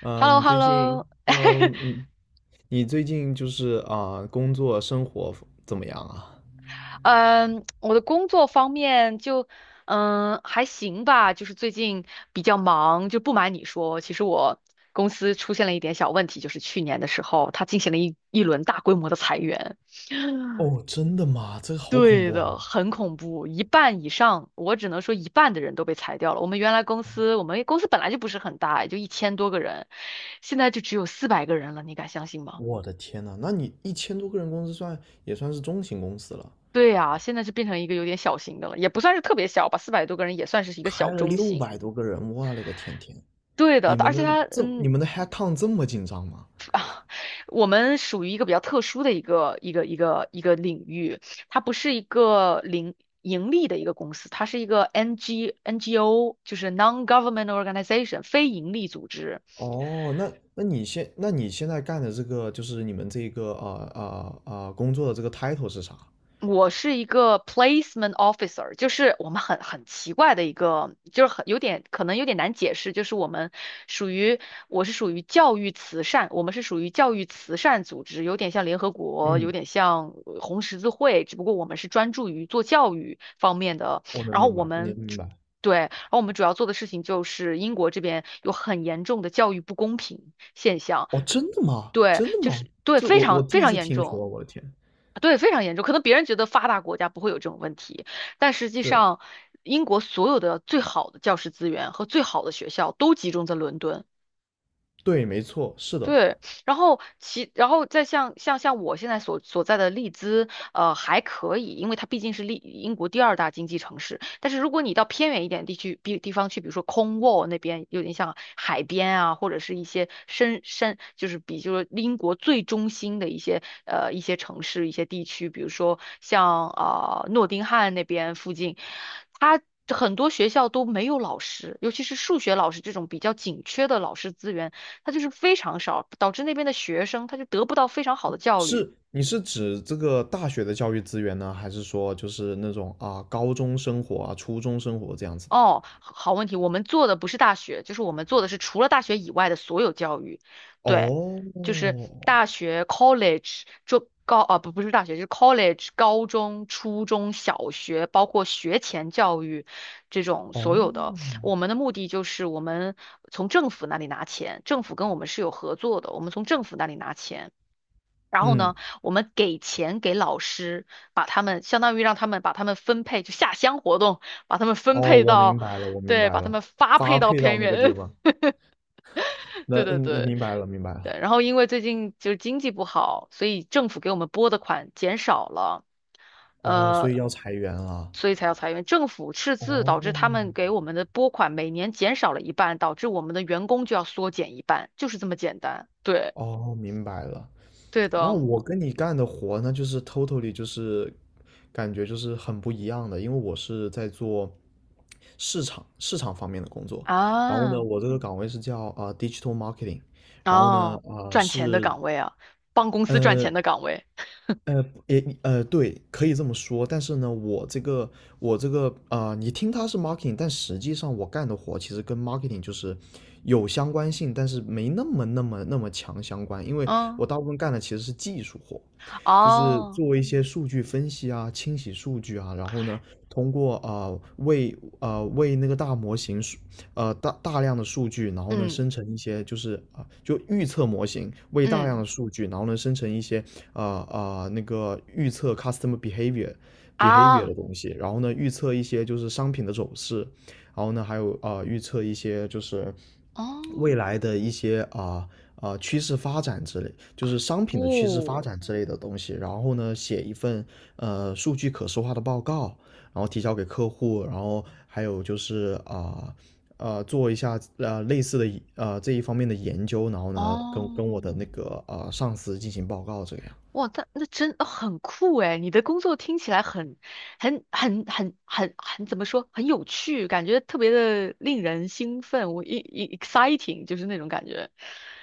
h e l l o 你 h e l 最 l 近 o ，Hello，你最近工作生活怎么样啊？嗯，我的工作方面就还行吧，就是最近比较忙，就不瞒你说，其实我公司出现了一点小问题，就是去年的时候，它进行了一轮大规模的裁员。哦，真的吗？这个好恐对怖的，啊！很恐怖，一半以上，我只能说一半的人都被裁掉了。我们原来公司，我们公司本来就不是很大，也就1000多个人，现在就只有四百个人了，你敢相信吗？我的天呐，那你一千多个人公司算也算是中型公司了，对呀，现在是变成一个有点小型的了，也不算是特别小吧，400多个人也算是一个开小了中六型。百多个人，我勒个天天！对的，你们而的且它，这你们的 headcount 这么紧张吗？我们属于一个比较特殊的一个领域，它不是一个零盈利的一个公司，它是一个 NGO，就是 non-government organization，非盈利组织。哦，那你现在干的这个就是你们这个工作的这个 title 是啥？我是一个 placement officer，就是我们很奇怪的一个，就是很有点可能有点难解释，就是我们属于我是属于教育慈善，我们是属于教育慈善组织，有点像联合国，有嗯，点像红十字会，只不过我们是专注于做教育方面的，我能然后明我白，你们。明白。对，然后我们主要做的事情就是英国这边有很严重的教育不公平现象，哦，真的吗？对，真的就吗？是对，这非我常第非一常次严听重。说，我的天。对，非常严重。可能别人觉得发达国家不会有这种问题，但实际是。上，英国所有的最好的教师资源和最好的学校都集中在伦敦。对，没错，是的。对，然后再像我现在所在的利兹，还可以，因为它毕竟是英国第二大经济城市。但是如果你到偏远一点地区，比地方去，比如说空沃那边，有点像海边啊，或者是一些深，就是就是英国最中心的一些一些城市、一些地区，比如说像诺丁汉那边附近，它。很多学校都没有老师，尤其是数学老师这种比较紧缺的老师资源，它就是非常少，导致那边的学生他就得不到非常好的教育。是，你是指这个大学的教育资源呢，还是说就是那种啊高中生活啊初中生活这样子的？哦，好问题，我们做的不是大学，就是我们做的是除了大学以外的所有教育，对，哦。就是大学 college 中高啊不是大学，就是 college 高中、初中小学，包括学前教育这种所有的。哦。我们的目的就是我们从政府那里拿钱，政府跟我们是有合作的，我们从政府那里拿钱。然后嗯。呢，我们给钱给老师，把他们相当于让他们把他们分配，就下乡活动，把他们分哦，配我到，明白了，我明对，白把他了。们发发配到配到偏那个地远，方，那对嗯，对对明白了，明白了。对。然后因为最近就是经济不好，所以政府给我们拨的款减少了，哦，所呃，以要裁员了。所以才要裁员。政府赤字导致他们哦。给我们的拨款每年减少了一半，导致我们的员工就要缩减一半，就是这么简单。对，哦，明白了。对那的我跟你干的活呢，就是 totally 就是感觉就是很不一样的，因为我是在做市场方面的工作。然后呢，啊。我这个岗位是叫digital marketing，然后呢哦，赚钱的是岗位啊，帮公司赚钱呃的岗位。对，可以这么说。但是呢，我这个你听它是 marketing，但实际上我干的活其实跟 marketing 就是有相关性，但是没那么强相关。因为我嗯，大部分干的其实是技术活，就是哦，做一些数据分析啊、清洗数据啊。然后呢，通过啊、呃为啊、呃为那个大模型数呃大量的数据，然后呢嗯生成一些就是就预测模型，为大量嗯的数据，然后呢生成一些啊那个预测 customer behavior 啊，的东西。然后呢预测一些就是商品的走势，然后呢还有预测一些就是未哦，来的一些趋势发展之类，就是商品的趋势发哦展之类的东西。然后呢写一份数据可视化的报告，然后提交给客户。然后还有就是做一下类似的这一方面的研究。然后呢，跟我哦，的那个上司进行报告，这样。哇，那真很酷诶，你的工作听起来很很怎么说，很有趣，感觉特别的令人兴奋，我一 exciting 就是那种感觉。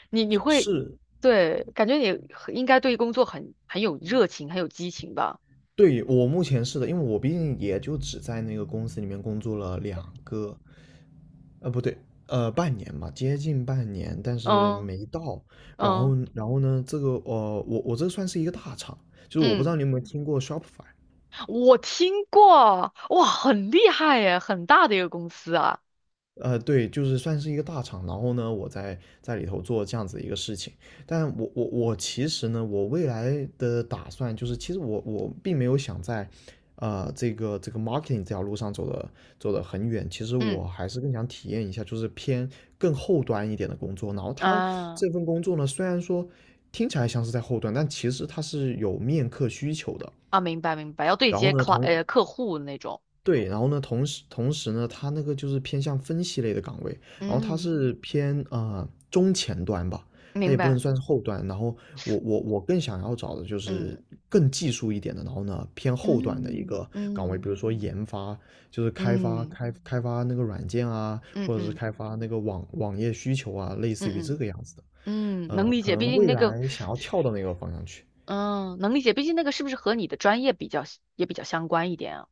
你会是。对，感觉你很应该对工作很有热情，很有激情吧？对，我目前是的，因为我毕竟也就只在那个公司里面工作了两个，呃，不对，呃，半年吧，接近半年，但是嗯没到。嗯然后呢，这个我这算是一个大厂，就是我不知道嗯。你有没有听过 Shopify。我听过，哇，很厉害耶，很大的一个公司啊。呃，对，就是算是一个大厂。然后呢，我在里头做这样子一个事情，但我其实呢，我未来的打算就是，其实我并没有想在，这个这个 marketing 这条路上走的很远。其实嗯我还是更想体验一下，就是偏更后端一点的工作。然后他啊这份工作呢，虽然说听起来像是在后端，但其实它是有面客需求的。啊，明白明白，要对然后接呢，客户那种。对，然后呢，同时呢，它那个就是偏向分析类的岗位。然后它嗯，是偏中前端吧，它明也不能白。算是后端。然后我更想要找的就嗯是更技术一点的，然后呢偏后端的一嗯个岗位，嗯比如说研发，就是开发嗯开开发那个软件啊，嗯嗯或者是嗯开发那个网页需求啊，类似于嗯这个样子的。嗯，能呃，理可解。毕能竟未那个，来想要跳到那个方向去。嗯，能理解。毕竟那个是不是和你的专业比较也比较相关一点啊？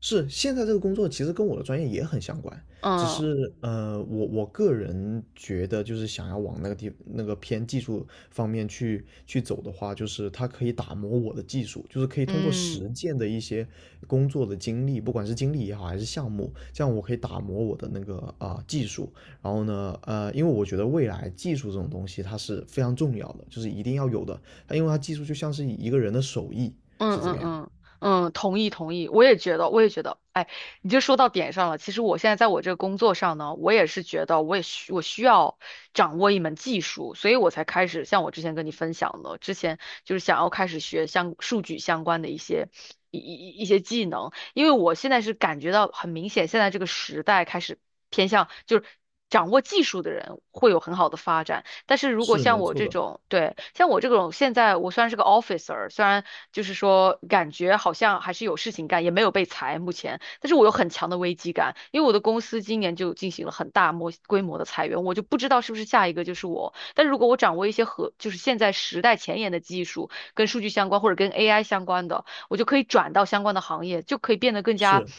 是，现在这个工作其实跟我的专业也很相关。只嗯是我个人觉得就是想要往那个地那个偏技术方面去走的话，就是它可以打磨我的技术，就是可以通过嗯。实践的一些工作的经历，不管是经历也好还是项目，这样我可以打磨我的那个技术。然后呢，因为我觉得未来技术这种东西它是非常重要的，就是一定要有的，它因为它技术就像是一个人的手艺，嗯是这个嗯样。嗯嗯，同意同意，我也觉得，我也觉得，哎，你就说到点上了。其实我现在在我这个工作上呢，我也是觉得，我需要掌握一门技术，所以我才开始像我之前跟你分享的，之前就是想要开始学相数据相关的一些一些技能，因为我现在是感觉到很明显，现在这个时代开始偏向就是。掌握技术的人会有很好的发展，但是如果是，像没我错这的，种，对，像我这种，现在我虽然是个 officer，虽然就是说感觉好像还是有事情干，也没有被裁目前，但是我有很强的危机感，因为我的公司今年就进行了很大规模的裁员，我就不知道是不是下一个就是我。但如果我掌握一些和就是现在时代前沿的技术，跟数据相关或者跟 AI 相关的，我就可以转到相关的行业，就可以变得更加，是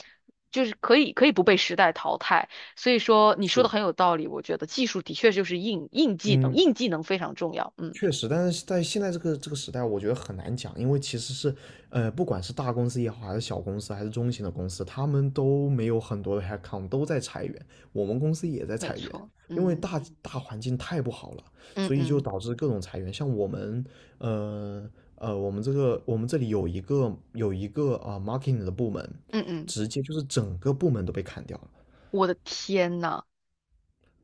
就是可以不被时代淘汰。所以说你说的是。很有道理，我觉得技术的确就是硬技能，嗯，硬技能非常重要。嗯，确实，但是在现在这个时代，我觉得很难讲，因为其实是，不管是大公司也好，还是小公司，还是中型的公司，他们都没有很多的 headcount，都在裁员。我们公司也在没裁员，错。因为嗯大环境太不好了，嗯所以就嗯导致各种裁员。像我们，呃我们这里有一个有一个 marketing 的部门，嗯嗯，直接就是整个部门都被砍掉了。我的天呐，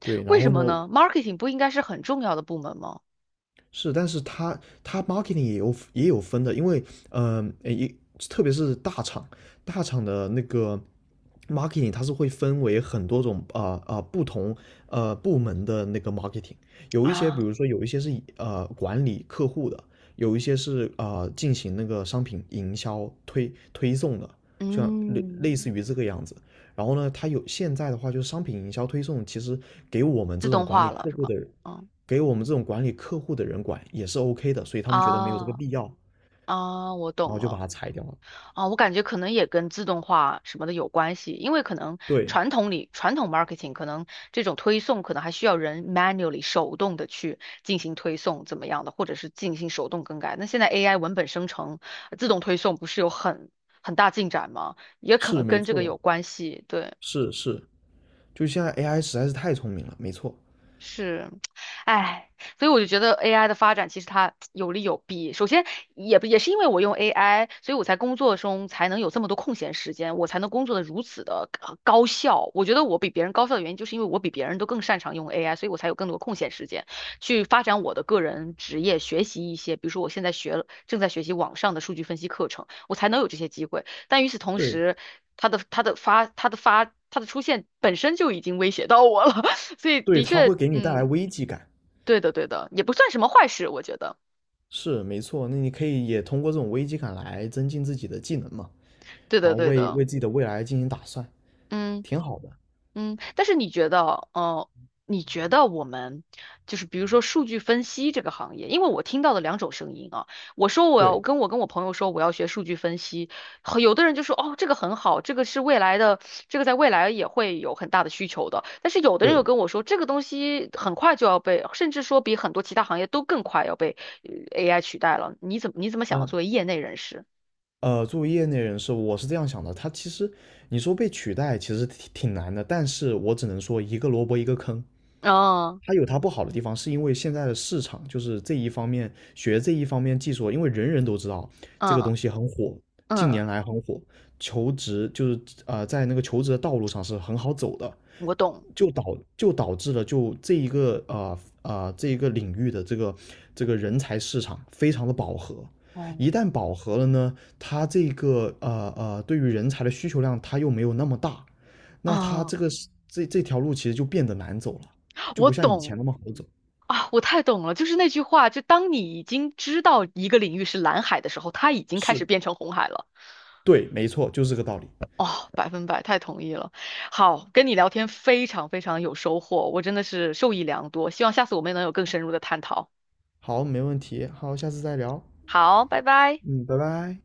对，然为什后呢，么呢？marketing 不应该是很重要的部门吗？是，但是它它 marketing 也有分的。因为嗯，呃一、呃特别是大厂，大厂的那个 marketing 它是会分为很多种不同部门的那个 marketing,有一些比啊，如说有一些是以管理客户的，有一些是进行那个商品营销推送的，像类嗯，类似于这个样子。然后呢，它有现在的话就是商品营销推送，其实给我们自这种动管理化了客是户吗？的人嗯给我们这种管理客户的人管也是 OK 的，所以他们觉得没有这个啊必要，啊，我然懂后就把了。它裁掉了。啊，我感觉可能也跟自动化什么的有关系，因为可能对，传统 marketing 可能这种推送可能还需要人 manually 手动的去进行推送怎么样的，或者是进行手动更改。那现在 AI 文本生成、自动推送不是有很大进展吗？也可是能没跟这错个的，有关系，对。是是，就现在 AI 实在是太聪明了，没错。是，哎，所以我就觉得 AI 的发展其实它有利有弊。首先，也不也是因为我用 AI，所以我才工作中才能有这么多空闲时间，我才能工作的如此的高效。我觉得我比别人高效的原因，就是因为我比别人都更擅长用 AI，所以我才有更多空闲时间去发展我的个人职业，学习一些，比如说我现在学了，正在学习网上的数据分析课程，我才能有这些机会。但与此同对，时，它的出现本身就已经威胁到我了，所以对，的它会确，给你带来嗯，危机感，对的，对的，也不算什么坏事，我觉得，是没错。那你可以也通过这种危机感来增进自己的技能嘛，对然的，后对为的，为自己的未来进行打算，嗯挺好的。嗯。但是你觉得我们就是比如说数据分析这个行业，因为我听到的两种声音啊，我说我要对，跟我朋友说我要学数据分析，很有的人就说哦这个很好，这个是未来的，这个在未来也会有很大的需求的。但是有的人又对。跟我说这个东西很快就要被，甚至说比很多其他行业都更快要被呃 AI 取代了。你怎么想的？嗯、作为业内人士？作为业内人士，我是这样想的。他其实你说被取代，其实挺难的。但是我只能说一个萝卜一个坑。哦，它有它不好的地方，是因为现在的市场就是这一方面学这一方面技术，因为人人都知道这个嗯东西很火，近嗯，年来很火，求职就是在那个求职的道路上是很好走的，我懂，就导就导致了就这一个这一个领域的这个人才市场非常的饱和。哦一旦饱和了呢，它这个对于人才的需求量它又没有那么大，那它哦，这个这条路其实就变得难走了，就我不像以前懂那么好走。啊，我太懂了，就是那句话，就当你已经知道一个领域是蓝海的时候，它已经开始是，变成红海了。对，没错，就是这个道理。哦，百分百，太同意了。好，跟你聊天非常非常有收获，我真的是受益良多，希望下次我们能有更深入的探讨。好，没问题，好，下次再聊。好，拜拜。嗯，拜拜。